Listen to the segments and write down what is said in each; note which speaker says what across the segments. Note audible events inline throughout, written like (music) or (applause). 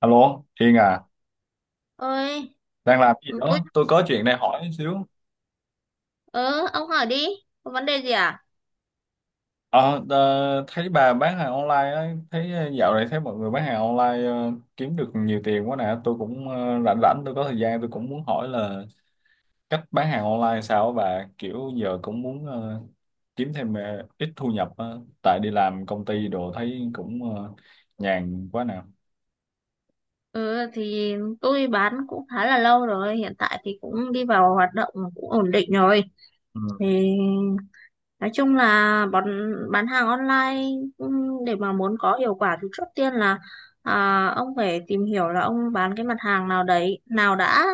Speaker 1: Alo, Hiền à,
Speaker 2: Ơi.
Speaker 1: đang làm gì
Speaker 2: Tôi.
Speaker 1: đó? Tôi có chuyện này hỏi xíu.
Speaker 2: Ờ ông hỏi đi, có vấn đề gì à?
Speaker 1: Ờ, Thấy bà bán hàng online á, dạo này thấy mọi người bán hàng online, kiếm được nhiều tiền quá nè. Tôi cũng rảnh rảnh, tôi có thời gian, tôi cũng muốn hỏi là cách bán hàng online sao á bà? Kiểu giờ cũng muốn kiếm thêm, ít thu nhập á, tại đi làm công ty đồ thấy cũng nhàn quá nè.
Speaker 2: Ừ thì tôi bán cũng khá là lâu rồi, hiện tại thì cũng đi vào hoạt động cũng ổn định rồi. Thì nói chung là bán hàng online. Để mà muốn có hiệu quả thì trước tiên là ông phải tìm hiểu là ông bán cái mặt hàng nào đấy nào đã.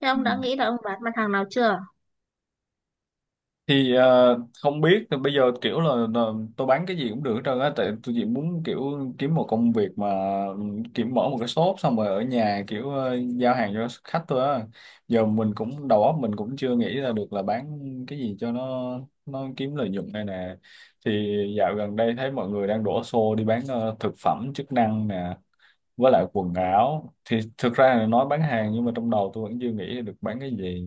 Speaker 2: Thế
Speaker 1: Ừ.
Speaker 2: ông đã nghĩ là ông bán mặt hàng nào chưa?
Speaker 1: Thì không biết, thì bây giờ kiểu là tôi bán cái gì cũng được hết trơn á, tại tôi chỉ muốn kiểu kiếm một công việc mà, ừ, kiểu mở một cái shop xong rồi ở nhà, kiểu giao hàng cho khách thôi á. Giờ mình cũng đầu óc mình cũng chưa nghĩ ra được là bán cái gì cho nó kiếm lợi nhuận đây nè. Thì dạo gần đây thấy mọi người đang đổ xô đi bán thực phẩm chức năng nè, với lại quần áo. Thì thực ra là nói bán hàng nhưng mà trong đầu tôi vẫn chưa nghĩ được bán cái gì,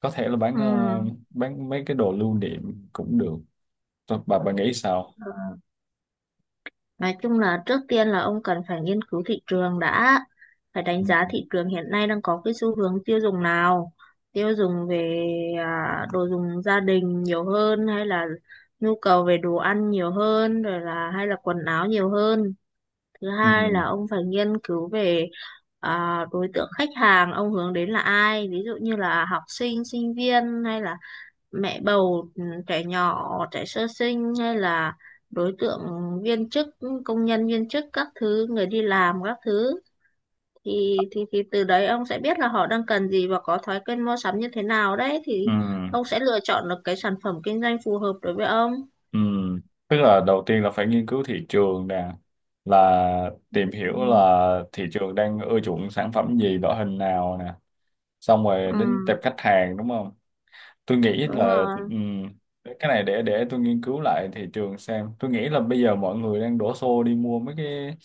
Speaker 1: có thể là bán
Speaker 2: Ừ.
Speaker 1: ờ, bán mấy cái đồ lưu niệm cũng được. Thôi, bà nghĩ sao?
Speaker 2: Nói chung là trước tiên là ông cần phải nghiên cứu thị trường đã, phải
Speaker 1: Ừ.
Speaker 2: đánh giá thị trường hiện nay đang có cái xu hướng tiêu dùng nào, tiêu dùng về đồ dùng gia đình nhiều hơn hay là nhu cầu về đồ ăn nhiều hơn rồi là hay là quần áo nhiều hơn. Thứ
Speaker 1: Ừ.
Speaker 2: hai là ông phải nghiên cứu về đối tượng khách hàng ông hướng đến là ai, ví dụ như là học sinh, sinh viên hay là mẹ bầu, trẻ nhỏ, trẻ sơ sinh, hay là đối tượng viên chức, công nhân viên chức các thứ, người đi làm các thứ. Thì từ đấy ông sẽ biết là họ đang cần gì và có thói quen mua sắm như thế nào đấy.
Speaker 1: Ừ.
Speaker 2: Thì ông sẽ lựa chọn được cái sản phẩm kinh doanh phù hợp đối với ông.
Speaker 1: Ừ. Tức là đầu tiên là phải nghiên cứu thị trường nè, là tìm hiểu
Speaker 2: Ừ,
Speaker 1: là thị trường đang ưa chuộng sản phẩm gì, loại hình nào nè, xong rồi
Speaker 2: ừ,
Speaker 1: đến tệp khách hàng đúng không? Tôi nghĩ
Speaker 2: đúng
Speaker 1: là,
Speaker 2: rồi.
Speaker 1: cái này để tôi nghiên cứu lại thị trường xem. Tôi nghĩ là bây giờ mọi người đang đổ xô đi mua mấy cái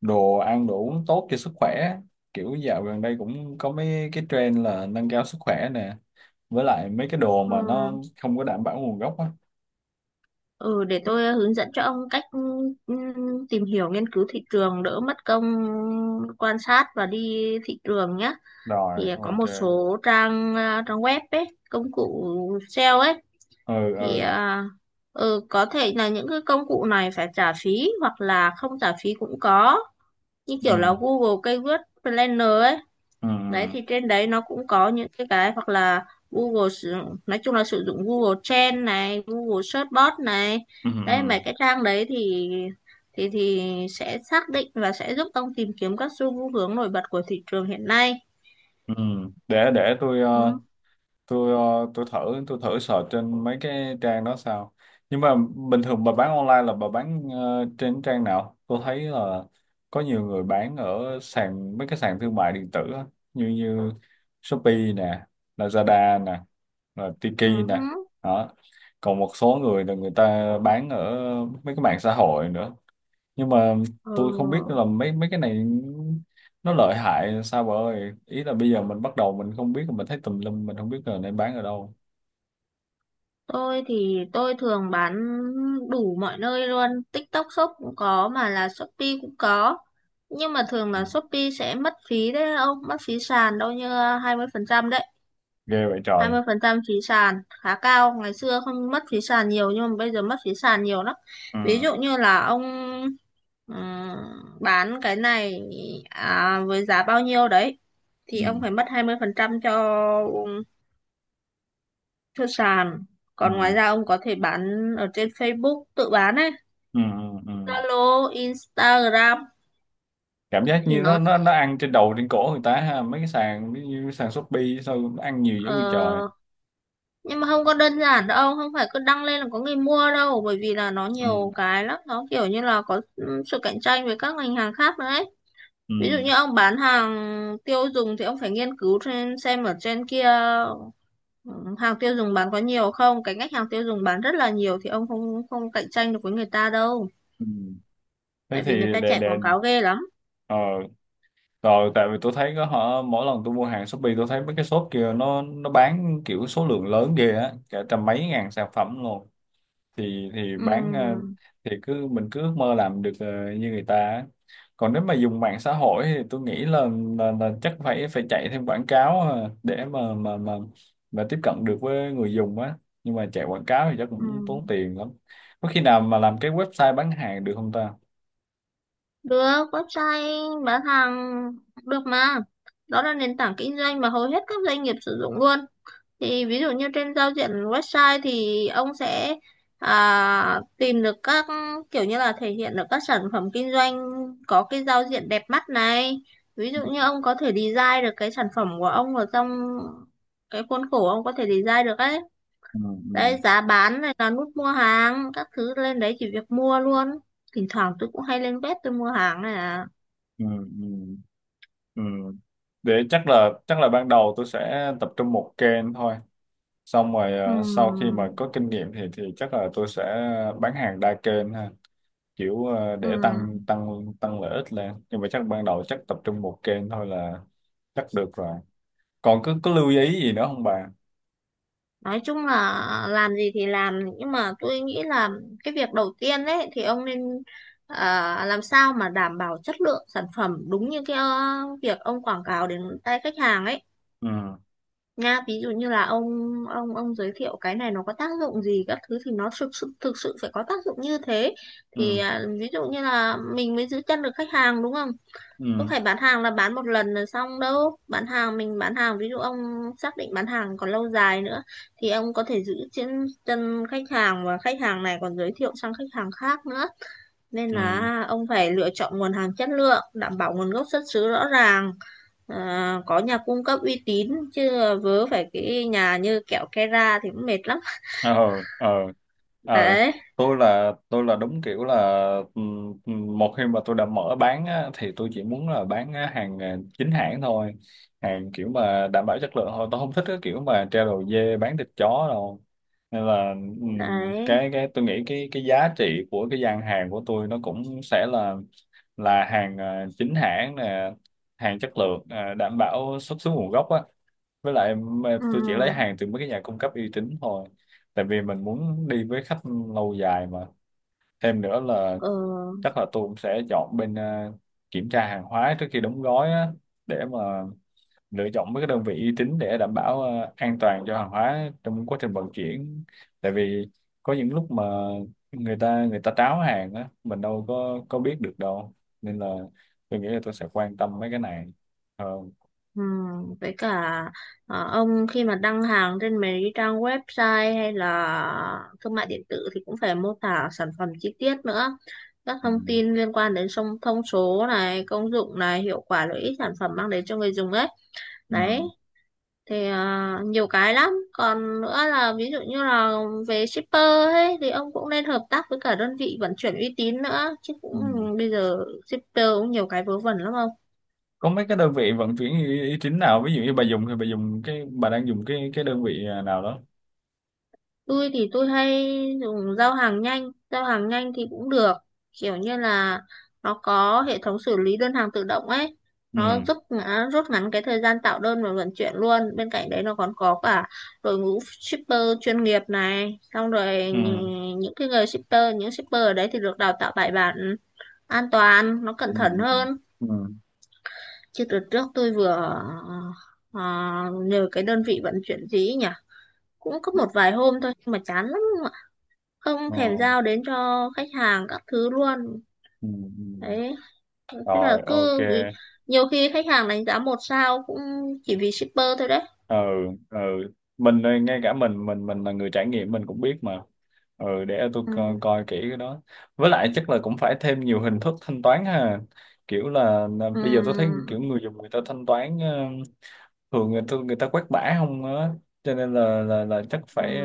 Speaker 1: đồ ăn đồ uống tốt cho sức khỏe, kiểu dạo gần đây cũng có mấy cái trend là nâng cao sức khỏe nè, với lại mấy cái đồ
Speaker 2: Ừ.
Speaker 1: mà nó không có đảm bảo nguồn gốc á.
Speaker 2: Ừ, để tôi hướng dẫn cho ông cách tìm hiểu nghiên cứu thị trường, đỡ mất công quan sát và đi thị trường nhé.
Speaker 1: Rồi,
Speaker 2: Thì có
Speaker 1: ok.
Speaker 2: một số trang web ấy, công cụ SEO ấy.
Speaker 1: Ừ,
Speaker 2: thì
Speaker 1: ừ,
Speaker 2: à, ừ, có thể là những cái công cụ này phải trả phí hoặc là không trả phí cũng có, như kiểu là Google Keyword Planner ấy.
Speaker 1: ừ, ừ,
Speaker 2: Đấy, thì trên đấy nó cũng có những cái hoặc là Google sử nói chung là sử dụng Google Trend này, Google Search Bot này.
Speaker 1: ừ,
Speaker 2: Đấy,
Speaker 1: ừ,
Speaker 2: mấy cái trang đấy thì sẽ xác định và sẽ giúp ông tìm kiếm các xu hướng nổi bật của thị trường hiện nay.
Speaker 1: ừ. Ừ. Để tôi,
Speaker 2: Ừ.
Speaker 1: tôi ờ, tôi thử tôi thử search trên mấy cái trang đó sao. Nhưng mà bình thường bà bán online là bà bán, trên trang nào tôi thấy là có nhiều người bán ở mấy cái sàn thương mại điện tử á, như như Shopee nè, Lazada nè, rồi
Speaker 2: Ừ.
Speaker 1: Tiki nè đó. Còn một số người là người ta bán ở mấy cái mạng xã hội nữa, nhưng mà
Speaker 2: Ờ,
Speaker 1: tôi không biết là mấy mấy cái này nó lợi hại sao bà ơi, ý là bây giờ mình bắt đầu mình không biết, mình thấy tùm lum mình không biết là nên bán ở đâu.
Speaker 2: tôi thì tôi thường bán đủ mọi nơi luôn, TikTok Shop cũng có mà là Shopee cũng có. Nhưng mà thường
Speaker 1: Ừ.
Speaker 2: là Shopee sẽ mất phí đấy ông, mất phí sàn đâu như 20% đấy.
Speaker 1: Ghê vậy
Speaker 2: hai
Speaker 1: trời.
Speaker 2: mươi phần trăm phí sàn khá cao, ngày xưa không mất phí sàn nhiều nhưng mà bây giờ mất phí sàn nhiều lắm.
Speaker 1: Ừ.
Speaker 2: Ví dụ như là ông ừm, bán cái này với giá bao nhiêu đấy, thì ông
Speaker 1: Ừ.
Speaker 2: phải mất 20% cho sàn.
Speaker 1: Ừ.
Speaker 2: Còn ngoài ra ông có thể bán ở trên Facebook tự bán ấy,
Speaker 1: Ừ. Ừ. Ừ.
Speaker 2: Zalo, Instagram.
Speaker 1: Cảm giác
Speaker 2: thì
Speaker 1: như nó
Speaker 2: nó
Speaker 1: nó nó ăn trên đầu trên cổ người ta ha, mấy cái sàn ví dụ như sàn Shopee sao nó ăn nhiều
Speaker 2: ờ,
Speaker 1: dữ vậy trời.
Speaker 2: nhưng mà không có đơn giản đâu, không phải cứ đăng lên là có người mua đâu, bởi vì là nó nhiều
Speaker 1: Ừ.
Speaker 2: cái lắm, nó kiểu như là có sự cạnh tranh với các ngành hàng khác nữa ấy.
Speaker 1: Ừ.
Speaker 2: Ví dụ như ông bán hàng tiêu dùng thì ông phải nghiên cứu trên xem ở trên kia ừ, hàng tiêu dùng bán có nhiều không. Cái ngách hàng tiêu dùng bán rất là nhiều thì ông không không cạnh tranh được với người ta đâu,
Speaker 1: Ừ. Thế
Speaker 2: tại
Speaker 1: thì
Speaker 2: vì người ta chạy
Speaker 1: để
Speaker 2: quảng cáo ghê lắm.
Speaker 1: ờ rồi, tại vì tôi thấy có, họ mỗi lần tôi mua hàng Shopee tôi thấy mấy cái shop kia nó bán kiểu số lượng lớn ghê á, cả trăm mấy ngàn sản phẩm luôn. Thì thì bán ờ,
Speaker 2: Ừm.
Speaker 1: thì cứ mình cứ ước mơ làm được, như người ta á. Còn nếu mà dùng mạng xã hội thì tôi nghĩ là chắc phải phải chạy thêm quảng cáo, để mà tiếp cận được với người dùng á. Nhưng mà chạy quảng cáo thì chắc
Speaker 2: Ừ.
Speaker 1: cũng tốn tiền lắm. Có khi nào mà làm cái website bán hàng được không ta?
Speaker 2: Được, website bán hàng được mà. Đó là nền tảng kinh doanh mà hầu hết các doanh nghiệp sử dụng luôn. Thì ví dụ như trên giao diện website thì ông sẽ tìm được các, kiểu như là thể hiện được các sản phẩm kinh doanh, có cái giao diện đẹp mắt này. Ví dụ như ông có thể design được cái sản phẩm của ông ở trong cái khuôn khổ ông có thể design được ấy.
Speaker 1: Ừ, ừ,
Speaker 2: Đấy, giá bán này, là nút mua hàng các thứ lên đấy chỉ việc mua luôn. Thỉnh thoảng tôi cũng hay lên web tôi mua hàng này à.
Speaker 1: ừ, ừ. Ừ. Để chắc là ban đầu tôi sẽ tập trung một kênh thôi. Xong rồi, sau khi mà
Speaker 2: Ừm.
Speaker 1: có kinh nghiệm thì chắc là tôi sẽ bán hàng đa kênh ha, kiểu để tăng
Speaker 2: Ừm.
Speaker 1: tăng tăng lợi ích lên. Nhưng mà chắc ban đầu chắc tập trung một kênh thôi là chắc được rồi. Còn có lưu ý gì nữa không bà?
Speaker 2: Nói chung là làm gì thì làm, nhưng mà tôi nghĩ là cái việc đầu tiên đấy thì ông nên làm sao mà đảm bảo chất lượng sản phẩm đúng như cái việc ông quảng cáo đến tay khách hàng ấy
Speaker 1: Ừ.
Speaker 2: nha. Ví dụ như là ông giới thiệu cái này nó có tác dụng gì các thứ, thì nó thực sự phải có tác dụng như thế, thì
Speaker 1: Ừ.
Speaker 2: à, ví dụ như là mình mới giữ chân được khách hàng đúng không.
Speaker 1: Ừ.
Speaker 2: Không phải bán hàng là bán một lần là xong đâu, bán hàng mình bán hàng ví dụ ông xác định bán hàng còn lâu dài nữa, thì ông có thể giữ chân chân khách hàng, và khách hàng này còn giới thiệu sang khách hàng khác nữa. Nên
Speaker 1: Ừ.
Speaker 2: là ông phải lựa chọn nguồn hàng chất lượng, đảm bảo nguồn gốc xuất xứ rõ ràng, có nhà cung cấp uy tín chứ vớ phải cái nhà như kẹo kera thì cũng mệt lắm.
Speaker 1: Ờ, ờ, ờ,
Speaker 2: Đấy.
Speaker 1: tôi là đúng kiểu là, một khi mà tôi đã mở bán á, thì tôi chỉ muốn là bán á, hàng à, chính hãng thôi. Hàng kiểu mà đảm bảo chất lượng thôi, tôi không thích cái kiểu mà treo đầu dê bán thịt chó đâu. Nên là,
Speaker 2: Đấy.
Speaker 1: cái tôi nghĩ cái giá trị của cái gian hàng của tôi nó cũng sẽ là hàng à, chính hãng nè, hàng chất lượng à, đảm bảo xuất xứ nguồn gốc á, với lại mà
Speaker 2: Ừ,
Speaker 1: tôi chỉ lấy hàng từ mấy cái nhà cung cấp uy tín thôi. Tại vì mình muốn đi với khách lâu dài mà. Thêm nữa là
Speaker 2: ừ,
Speaker 1: chắc là tôi cũng sẽ chọn bên, kiểm tra hàng hóa trước khi đóng gói á, để mà lựa chọn mấy cái đơn vị uy tín để đảm bảo an toàn cho hàng hóa trong quá trình vận chuyển. Tại vì có những lúc mà người ta tráo hàng á, mình đâu có biết được đâu. Nên là tôi nghĩ là tôi sẽ quan tâm mấy cái này hơn.
Speaker 2: ừ. Với cả ông khi mà đăng hàng trên mấy cái trang website hay là thương mại điện tử thì cũng phải mô tả sản phẩm chi tiết nữa, các
Speaker 1: Ừ.
Speaker 2: thông tin liên quan đến song thông số này, công dụng này, hiệu quả lợi ích sản phẩm mang đến cho người dùng ấy. Đấy,
Speaker 1: Ừ.
Speaker 2: thì nhiều cái lắm, còn nữa là ví dụ như là về shipper ấy thì ông cũng nên hợp tác với cả đơn vị vận chuyển uy tín nữa chứ. Cũng
Speaker 1: Ừ.
Speaker 2: bây giờ shipper cũng nhiều cái vớ vẩn lắm ông.
Speaker 1: Có mấy cái đơn vị vận chuyển uy uy tín nào, ví dụ như bà dùng thì bà dùng cái bà đang dùng cái đơn vị nào đó?
Speaker 2: Tôi thì tôi hay dùng giao hàng nhanh thì cũng được, kiểu như là nó có hệ thống xử lý đơn hàng tự động ấy, nó
Speaker 1: Ừ,
Speaker 2: giúp rút ngắn cái thời gian tạo đơn và vận chuyển luôn. Bên cạnh đấy nó còn có cả đội ngũ shipper chuyên nghiệp này, xong rồi
Speaker 1: ừ,
Speaker 2: những cái người shipper, những shipper ở đấy thì được đào tạo bài bản, an toàn, nó cẩn
Speaker 1: ừ,
Speaker 2: thận
Speaker 1: ừ,
Speaker 2: hơn.
Speaker 1: ừ.
Speaker 2: Chứ đợt trước tôi vừa ờ, nhờ cái đơn vị vận chuyển gì ấy nhỉ, cũng có một vài hôm thôi nhưng mà chán lắm, không
Speaker 1: Ờ.
Speaker 2: thèm giao đến cho khách hàng các thứ luôn.
Speaker 1: Ừ, ừ.
Speaker 2: Đấy, thế là
Speaker 1: Rồi, ok.
Speaker 2: cứ vì nhiều khi khách hàng đánh giá 1 sao cũng chỉ vì shipper thôi đấy.
Speaker 1: Ừ, ừ. Mình đây, ngay cả mình là người trải nghiệm mình cũng biết mà. Ừ, để tôi
Speaker 2: Ừ,
Speaker 1: coi kỹ cái đó. Với lại chắc là cũng phải thêm nhiều hình thức thanh toán ha, kiểu là
Speaker 2: ừ,
Speaker 1: bây giờ tôi thấy kiểu người dùng người ta thanh toán thường, người ta quét bã không á, cho nên là chắc
Speaker 2: ừ.
Speaker 1: phải.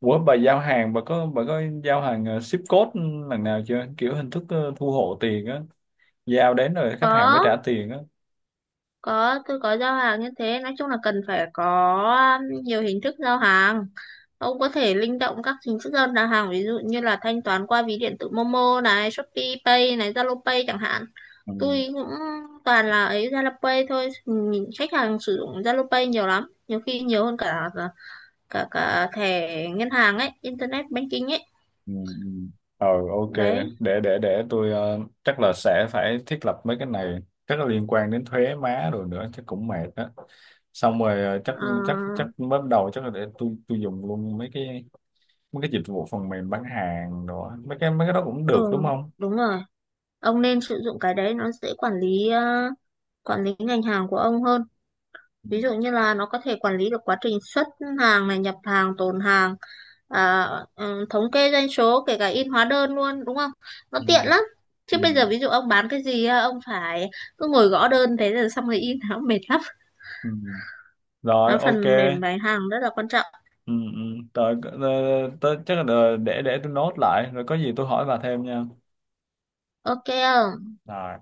Speaker 1: Ủa bà giao hàng, bà có giao hàng ship code lần nào chưa, kiểu hình thức thu hộ tiền á, giao đến rồi khách hàng mới trả
Speaker 2: Có.
Speaker 1: tiền á?
Speaker 2: Có, tôi có giao hàng như thế, nói chung là cần phải có nhiều hình thức giao hàng. Ông có thể linh động các hình thức giao hàng, ví dụ như là thanh toán qua ví điện tử Momo này, Shopee Pay này, Zalo Pay chẳng hạn.
Speaker 1: Ừ,
Speaker 2: Tôi cũng toàn là ấy Zalo Pay thôi. Nhìn khách hàng sử dụng Zalo Pay nhiều lắm, nhiều khi nhiều hơn cả cả cả thẻ ngân hàng ấy, internet banking ấy.
Speaker 1: ừ, ừ. Ờ, ok.
Speaker 2: Đấy.
Speaker 1: Để tôi, chắc là sẽ phải thiết lập mấy cái này, chắc là liên quan đến thuế má rồi nữa chắc cũng mệt á. Xong rồi, chắc
Speaker 2: ờ,
Speaker 1: chắc chắc bắt đầu chắc là để tôi dùng luôn mấy cái dịch vụ phần mềm bán hàng đó, mấy cái đó cũng
Speaker 2: ừ,
Speaker 1: được đúng không?
Speaker 2: đúng rồi, ông nên sử dụng cái đấy, nó dễ quản lý, quản lý ngành hàng của ông hơn.
Speaker 1: Ừ,
Speaker 2: Ví dụ như là nó có thể quản lý được quá trình xuất hàng này, nhập hàng, tồn hàng, à, thống kê doanh số, kể cả in hóa đơn luôn đúng không, nó
Speaker 1: ừ,
Speaker 2: tiện lắm. Chứ
Speaker 1: ừ,
Speaker 2: bây giờ ví dụ ông bán cái gì á, ông phải cứ ngồi gõ đơn thế rồi xong rồi in (laughs) nó mệt lắm.
Speaker 1: ừ. Rồi,
Speaker 2: Nó
Speaker 1: ok.
Speaker 2: phần mềm bán hàng rất là quan trọng.
Speaker 1: Ừ, ừ. Rồi, chắc là để tôi nốt lại, rồi có gì tôi hỏi bà thêm nha.
Speaker 2: Ok không
Speaker 1: Rồi.